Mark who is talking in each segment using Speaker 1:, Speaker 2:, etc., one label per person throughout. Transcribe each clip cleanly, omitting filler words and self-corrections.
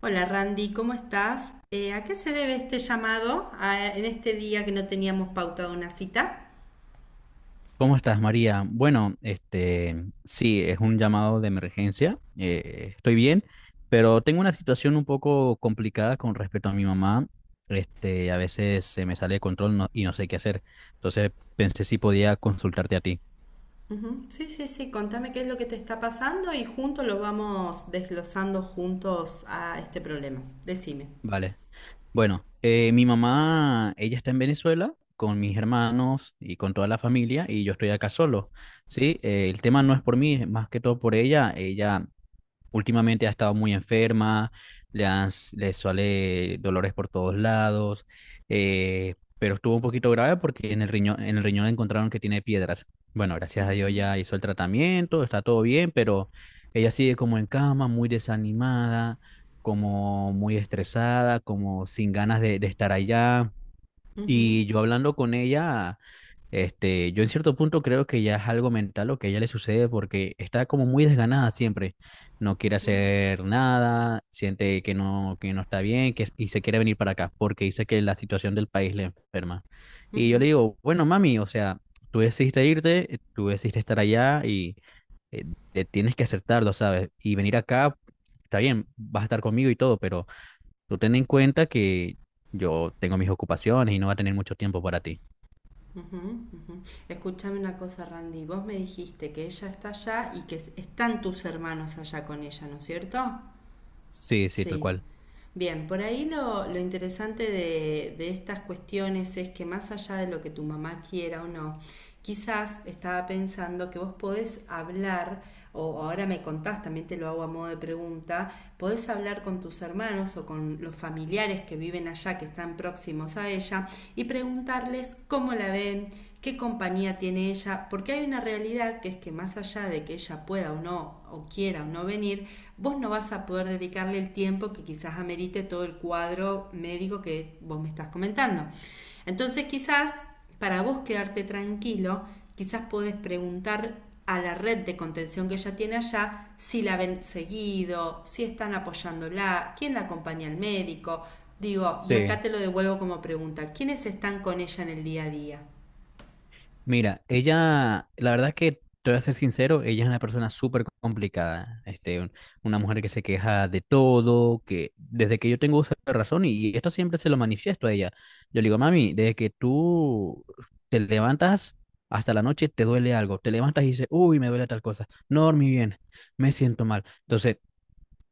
Speaker 1: Hola Randy, ¿cómo estás? ¿A qué se debe este llamado en este día que no teníamos pautado una cita?
Speaker 2: ¿Cómo estás, María? Sí, es un llamado de emergencia. Estoy bien, pero tengo una situación un poco complicada con respecto a mi mamá. A veces se me sale de control y no sé qué hacer. Entonces pensé si podía consultarte a ti.
Speaker 1: Ujú. Sí, sí, sí, contame qué es lo que te está pasando y juntos lo vamos desglosando juntos a este problema. Decime.
Speaker 2: Vale. Bueno, Mi mamá, ella está en Venezuela con mis hermanos y con toda la familia, y yo estoy acá solo. Sí. El tema no es por mí, es más que todo por ella. Últimamente ha estado muy enferma, le suele dolores por todos lados, pero estuvo un poquito grave porque en el riñón encontraron que tiene piedras. Bueno, gracias a Dios ya hizo el tratamiento, está todo bien, pero ella sigue como en cama, muy desanimada, como muy estresada, como sin ganas de estar allá. Y
Speaker 1: Ujú,
Speaker 2: yo hablando con ella yo en cierto punto creo que ya es algo mental lo que a ella le sucede, porque está como muy desganada siempre. No quiere hacer nada, siente que no está bien que, y se quiere venir para acá porque dice que la situación del país le enferma. Y yo le
Speaker 1: ujú,
Speaker 2: digo, bueno, mami, o sea, tú decidiste irte, tú decidiste estar allá y eh, te tienes que aceptarlo, ¿sabes? Y venir acá, está bien, vas a estar conmigo y todo, pero tú ten en cuenta que yo tengo mis ocupaciones y no va a tener mucho tiempo para ti.
Speaker 1: ujú, ujú. Escúchame una cosa, Randy. Vos me dijiste que ella está allá y que están tus hermanos allá con ella, ¿no es cierto?
Speaker 2: Sí, sí, tal
Speaker 1: Sí.
Speaker 2: cual.
Speaker 1: Bien, por ahí lo interesante de estas cuestiones es que más allá de lo que tu mamá quiera o no, quizás estaba pensando que vos podés hablar, o ahora me contás, también te lo hago a modo de pregunta, podés hablar con tus hermanos o con los familiares que viven allá, que están próximos a ella, y preguntarles cómo la ven, qué compañía tiene ella, porque hay una realidad que es que más allá de que ella pueda o no, o quiera o no venir, vos no vas a poder dedicarle el tiempo que quizás amerite todo el cuadro médico que vos me estás comentando. Entonces quizás para vos quedarte tranquilo, quizás podés preguntar a la red de contención que ella tiene allá si la ven seguido, si están apoyándola, quién la acompaña al médico. Digo, y
Speaker 2: Sí,
Speaker 1: acá te lo devuelvo como pregunta, ¿quiénes están con ella en el día a día?
Speaker 2: mira, ella, la verdad es que te voy a ser sincero, ella es una persona súper complicada, una mujer que se queja de todo, que desde que yo tengo uso de razón, y, esto siempre se lo manifiesto a ella. Yo le digo, mami, desde que tú te levantas hasta la noche te duele algo, te levantas y dices, uy, me duele tal cosa, no dormí bien, me siento mal. Entonces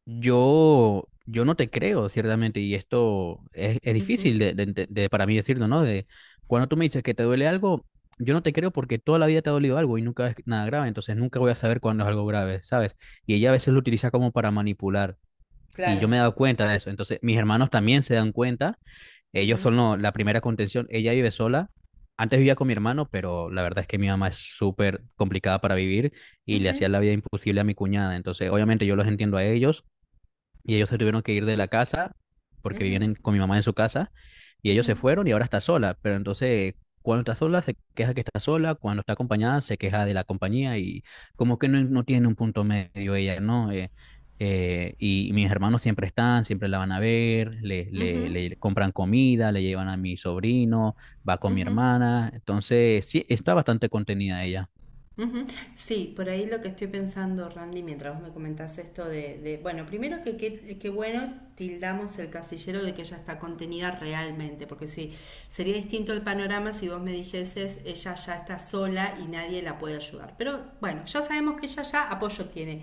Speaker 2: yo, no te creo, ciertamente, y esto es difícil
Speaker 1: Ujú.
Speaker 2: para mí decirlo, ¿no? De cuando tú me dices que te duele algo, yo no te creo porque toda la vida te ha dolido algo y nunca es nada grave, entonces nunca voy a saber cuándo es algo grave, ¿sabes? Y ella a veces lo utiliza como para manipular, y
Speaker 1: Claro.
Speaker 2: yo me he dado cuenta de eso. Entonces mis hermanos también se dan cuenta, ellos
Speaker 1: Ujú,
Speaker 2: son la primera contención, ella vive sola, antes vivía con mi hermano, pero la verdad es que mi mamá es súper complicada para vivir y le hacía
Speaker 1: ujú,
Speaker 2: la vida imposible a mi cuñada, entonces obviamente yo los entiendo a ellos y ellos se tuvieron que ir de la casa porque vivían
Speaker 1: ujú,
Speaker 2: con mi mamá en su casa y ellos
Speaker 1: ujú.
Speaker 2: se fueron y ahora está sola. Pero entonces, cuando está sola se queja que está sola, cuando está acompañada se queja de la compañía y como que no, no tiene un punto medio ella, ¿no? Y mis hermanos siempre están, siempre la van a ver, le compran comida, le llevan a mi sobrino, va con mi hermana, entonces sí, está bastante contenida ella.
Speaker 1: Sí, por ahí lo que estoy pensando, Randy, mientras vos me comentás esto de, bueno, primero que bueno, tildamos el casillero de que ella está contenida realmente, porque sí, sería distinto el panorama si vos me dijeses, ella ya está sola y nadie la puede ayudar. Pero bueno, ya sabemos que ella ya apoyo tiene.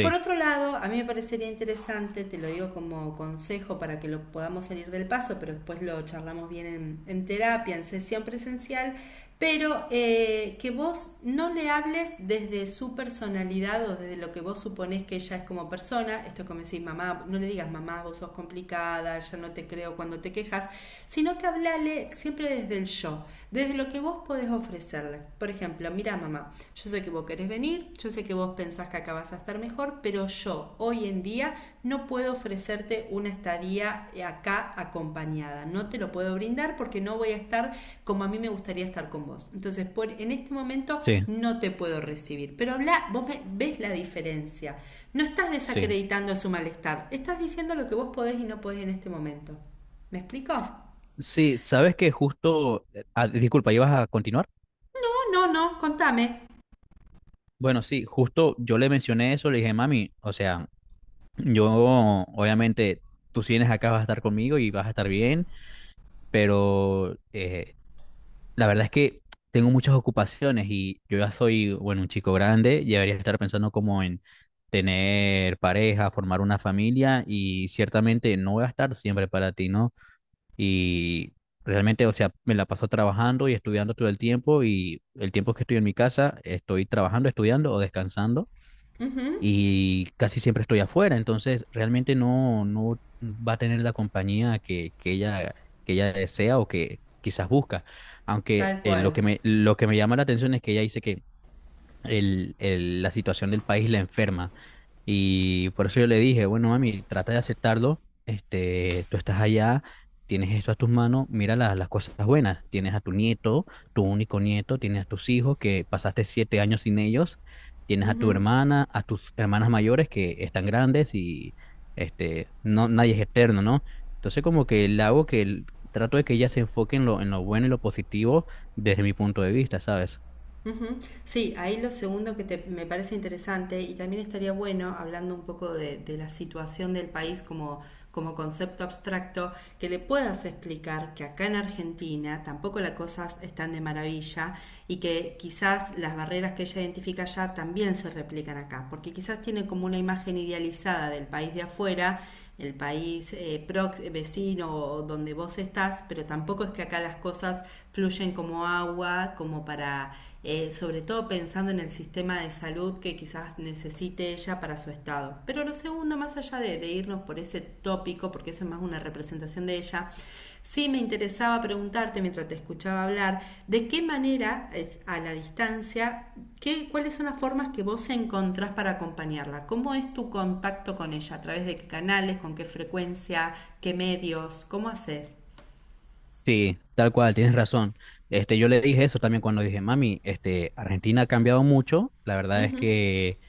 Speaker 1: Por otro lado, a mí me parecería interesante, te lo digo como consejo para que lo podamos salir del paso, pero después lo charlamos bien en terapia, en sesión presencial, pero que vos no le hables desde su personalidad o desde lo que vos suponés que ella es como persona, esto es como decís, mamá, no le digas, mamá, vos sos complicada, ya no te creo cuando te quejas, sino que hablale siempre desde el yo, desde lo que vos podés ofrecerle. Por ejemplo, mira mamá, yo sé que vos querés venir, yo sé que vos pensás que acá vas a estar mejor, pero yo hoy en día no puedo ofrecerte una estadía acá acompañada, no te lo puedo brindar porque no voy a estar como a mí me gustaría estar con vos. Entonces, en este momento
Speaker 2: sí,
Speaker 1: no te puedo recibir, pero habla, vos ves la diferencia, no estás
Speaker 2: sí.
Speaker 1: desacreditando su malestar, estás diciendo lo que vos podés y no podés en este momento. ¿Me explico?
Speaker 2: Sí, sabes que justo, disculpa, ¿ibas a continuar?
Speaker 1: No, no, no, contame.
Speaker 2: Bueno, sí, justo yo le mencioné eso, le dije, mami, o sea, yo obviamente, tú si vienes acá vas a estar conmigo y vas a estar bien, pero la verdad es que tengo muchas ocupaciones y yo ya soy, bueno, un chico grande, ya debería estar pensando como en tener pareja, formar una familia, y ciertamente no voy a estar siempre para ti, ¿no? Y realmente, o sea, me la paso trabajando y estudiando todo el tiempo, y el tiempo que estoy en mi casa estoy trabajando, estudiando o descansando, y casi siempre estoy afuera. Entonces realmente no, no va a tener la compañía que, que ella desea o que quizás busca. Aunque
Speaker 1: Tal cual.
Speaker 2: lo que me llama la atención es que ella dice que la situación del país la enferma. Y por eso yo le dije, bueno, mami, trata de aceptarlo, tú estás allá, tienes esto a tus manos, mira las cosas buenas, tienes a tu nieto, tu único nieto, tienes a tus hijos que pasaste 7 años sin ellos, tienes a tu hermana, a tus hermanas mayores que están grandes, y no, nadie es eterno, ¿no? Entonces como que le hago trato de que ella se enfoque en lo bueno y lo positivo desde mi punto de vista, ¿sabes?
Speaker 1: Ujú. Sí, ahí lo segundo que me parece interesante y también estaría bueno, hablando un poco de la situación del país como, como concepto abstracto, que le puedas explicar que acá en Argentina tampoco las cosas están de maravilla y que quizás las barreras que ella identifica allá también se replican acá, porque quizás tiene como una imagen idealizada del país de afuera, el país vecino o donde vos estás, pero tampoco es que acá las cosas fluyen como agua, como para sobre todo pensando en el sistema de salud que quizás necesite ella para su estado. Pero lo segundo, más allá de irnos por ese tópico, porque eso es más una representación de ella, sí me interesaba preguntarte mientras te escuchaba hablar, de qué manera, a la distancia, cuáles son las formas que vos encontrás para acompañarla, cómo es tu contacto con ella, a través de qué canales, con qué frecuencia, qué medios, cómo haces.
Speaker 2: Sí, tal cual, tienes razón. Yo le dije eso también cuando dije, mami, este, Argentina ha cambiado mucho. La verdad es que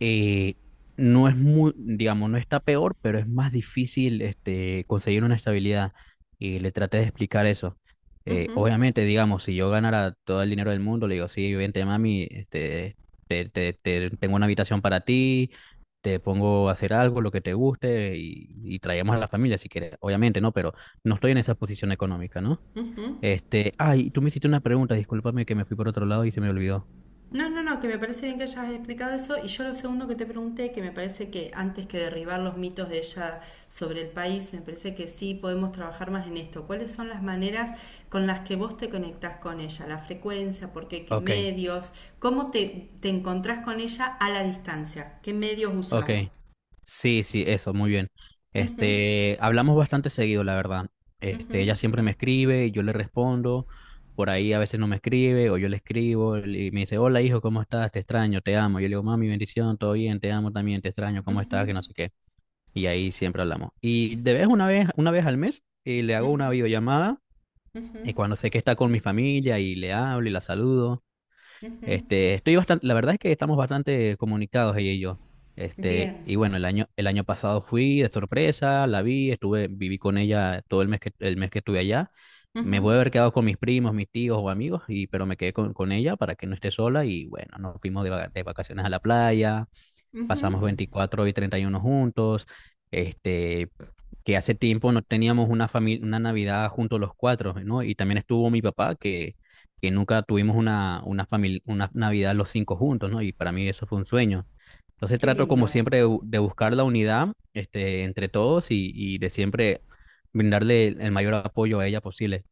Speaker 2: eh, no es muy, digamos, no está peor, pero es más difícil, este, conseguir una estabilidad. Y le traté de explicar eso. Obviamente, digamos, si yo ganara todo el dinero del mundo, le digo, sí, vente, mami, este, tengo una habitación para ti, te pongo a hacer algo, lo que te guste, y traemos a la familia si quieres. Obviamente, ¿no? Pero no estoy en esa posición económica, ¿no? Este, ay, tú me hiciste una pregunta, discúlpame que me fui por otro lado y se me olvidó.
Speaker 1: No, no, no, que me parece bien que hayas explicado eso. Y yo lo segundo que te pregunté, que me parece que antes que derribar los mitos de ella sobre el país, me parece que sí podemos trabajar más en esto. ¿Cuáles son las maneras con las que vos te conectás con ella? La frecuencia, por qué
Speaker 2: Ok,
Speaker 1: medios, cómo te encontrás con ella a la distancia, qué medios
Speaker 2: ok.
Speaker 1: usás.
Speaker 2: Sí, sí, eso, muy bien.
Speaker 1: Ujú,
Speaker 2: Este, hablamos bastante seguido, la verdad. Este,
Speaker 1: ujú.
Speaker 2: ella siempre me escribe y yo le respondo. Por ahí a veces no me escribe o yo le escribo y me dice, hola hijo, ¿cómo estás? Te extraño, te amo. Yo le digo, mami, bendición, todo bien, te amo también, te extraño, ¿cómo estás? Que no sé qué. Y ahí siempre hablamos. Y de vez una vez, una vez al mes, le hago una videollamada y cuando sé que está con mi familia y le hablo y la saludo. Este, estoy bastante, la verdad es que estamos bastante comunicados ella y yo. Este,
Speaker 1: Bien.
Speaker 2: y bueno, el año pasado fui de sorpresa, la vi, estuve, viví con ella todo el mes el mes que estuve allá. Me voy a
Speaker 1: Ujú,
Speaker 2: haber quedado con mis primos, mis tíos o amigos, y, pero me quedé con ella para que no esté sola, y bueno, nos fuimos de vacaciones a la playa, pasamos
Speaker 1: ujú.
Speaker 2: 24 y 31 juntos, este, que hace tiempo no teníamos una familia, una Navidad juntos los cuatro, ¿no? Y también estuvo mi papá, que nunca tuvimos una Navidad los cinco juntos, ¿no? Y para mí eso fue un sueño. Entonces
Speaker 1: Qué
Speaker 2: trato como
Speaker 1: lindo.
Speaker 2: siempre de buscar la unidad, este, entre todos, y de siempre brindarle el mayor apoyo a ella posible.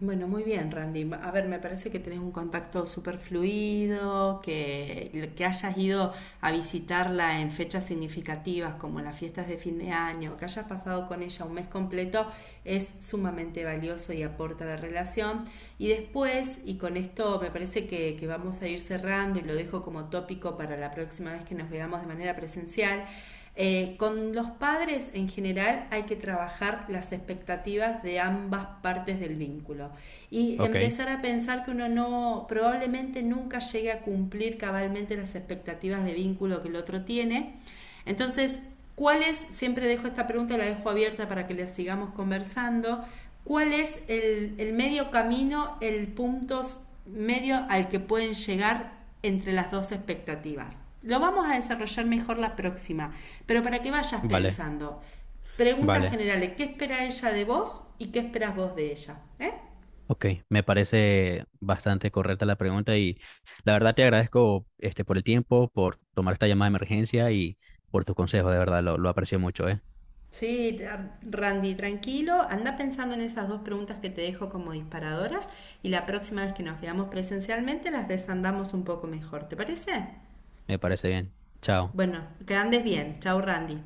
Speaker 1: Bueno, muy bien, Randy. A ver, me parece que tenés un contacto súper fluido, que hayas ido a visitarla en fechas significativas como las fiestas de fin de año, que hayas pasado con ella un mes completo, es sumamente valioso y aporta a la relación. Y después, y con esto me parece que vamos a ir cerrando y lo dejo como tópico para la próxima vez que nos veamos de manera presencial, con los padres en general hay que trabajar las expectativas de ambas partes del vínculo y
Speaker 2: Ok,
Speaker 1: empezar a pensar que uno no probablemente nunca llegue a cumplir cabalmente las expectativas de vínculo que el otro tiene. Entonces, ¿cuáles? Siempre dejo esta pregunta, la dejo abierta para que les sigamos conversando. ¿Cuál es el medio camino, el punto medio al que pueden llegar entre las dos expectativas? Lo vamos a desarrollar mejor la próxima, pero para que vayas
Speaker 2: vale,
Speaker 1: pensando, preguntas
Speaker 2: vale.
Speaker 1: generales, ¿qué espera ella de vos y qué esperas vos de ella? ¿Eh?
Speaker 2: Ok, me parece bastante correcta la pregunta, y la verdad te agradezco, este, por el tiempo, por tomar esta llamada de emergencia y por tus consejos. De verdad, lo aprecio mucho, ¿eh?
Speaker 1: Sí, Randy, tranquilo, anda pensando en esas dos preguntas que te dejo como disparadoras y la próxima vez que nos veamos presencialmente las desandamos un poco mejor, ¿te parece?
Speaker 2: Me parece bien. Chao.
Speaker 1: Bueno, que andes bien, chao Randy.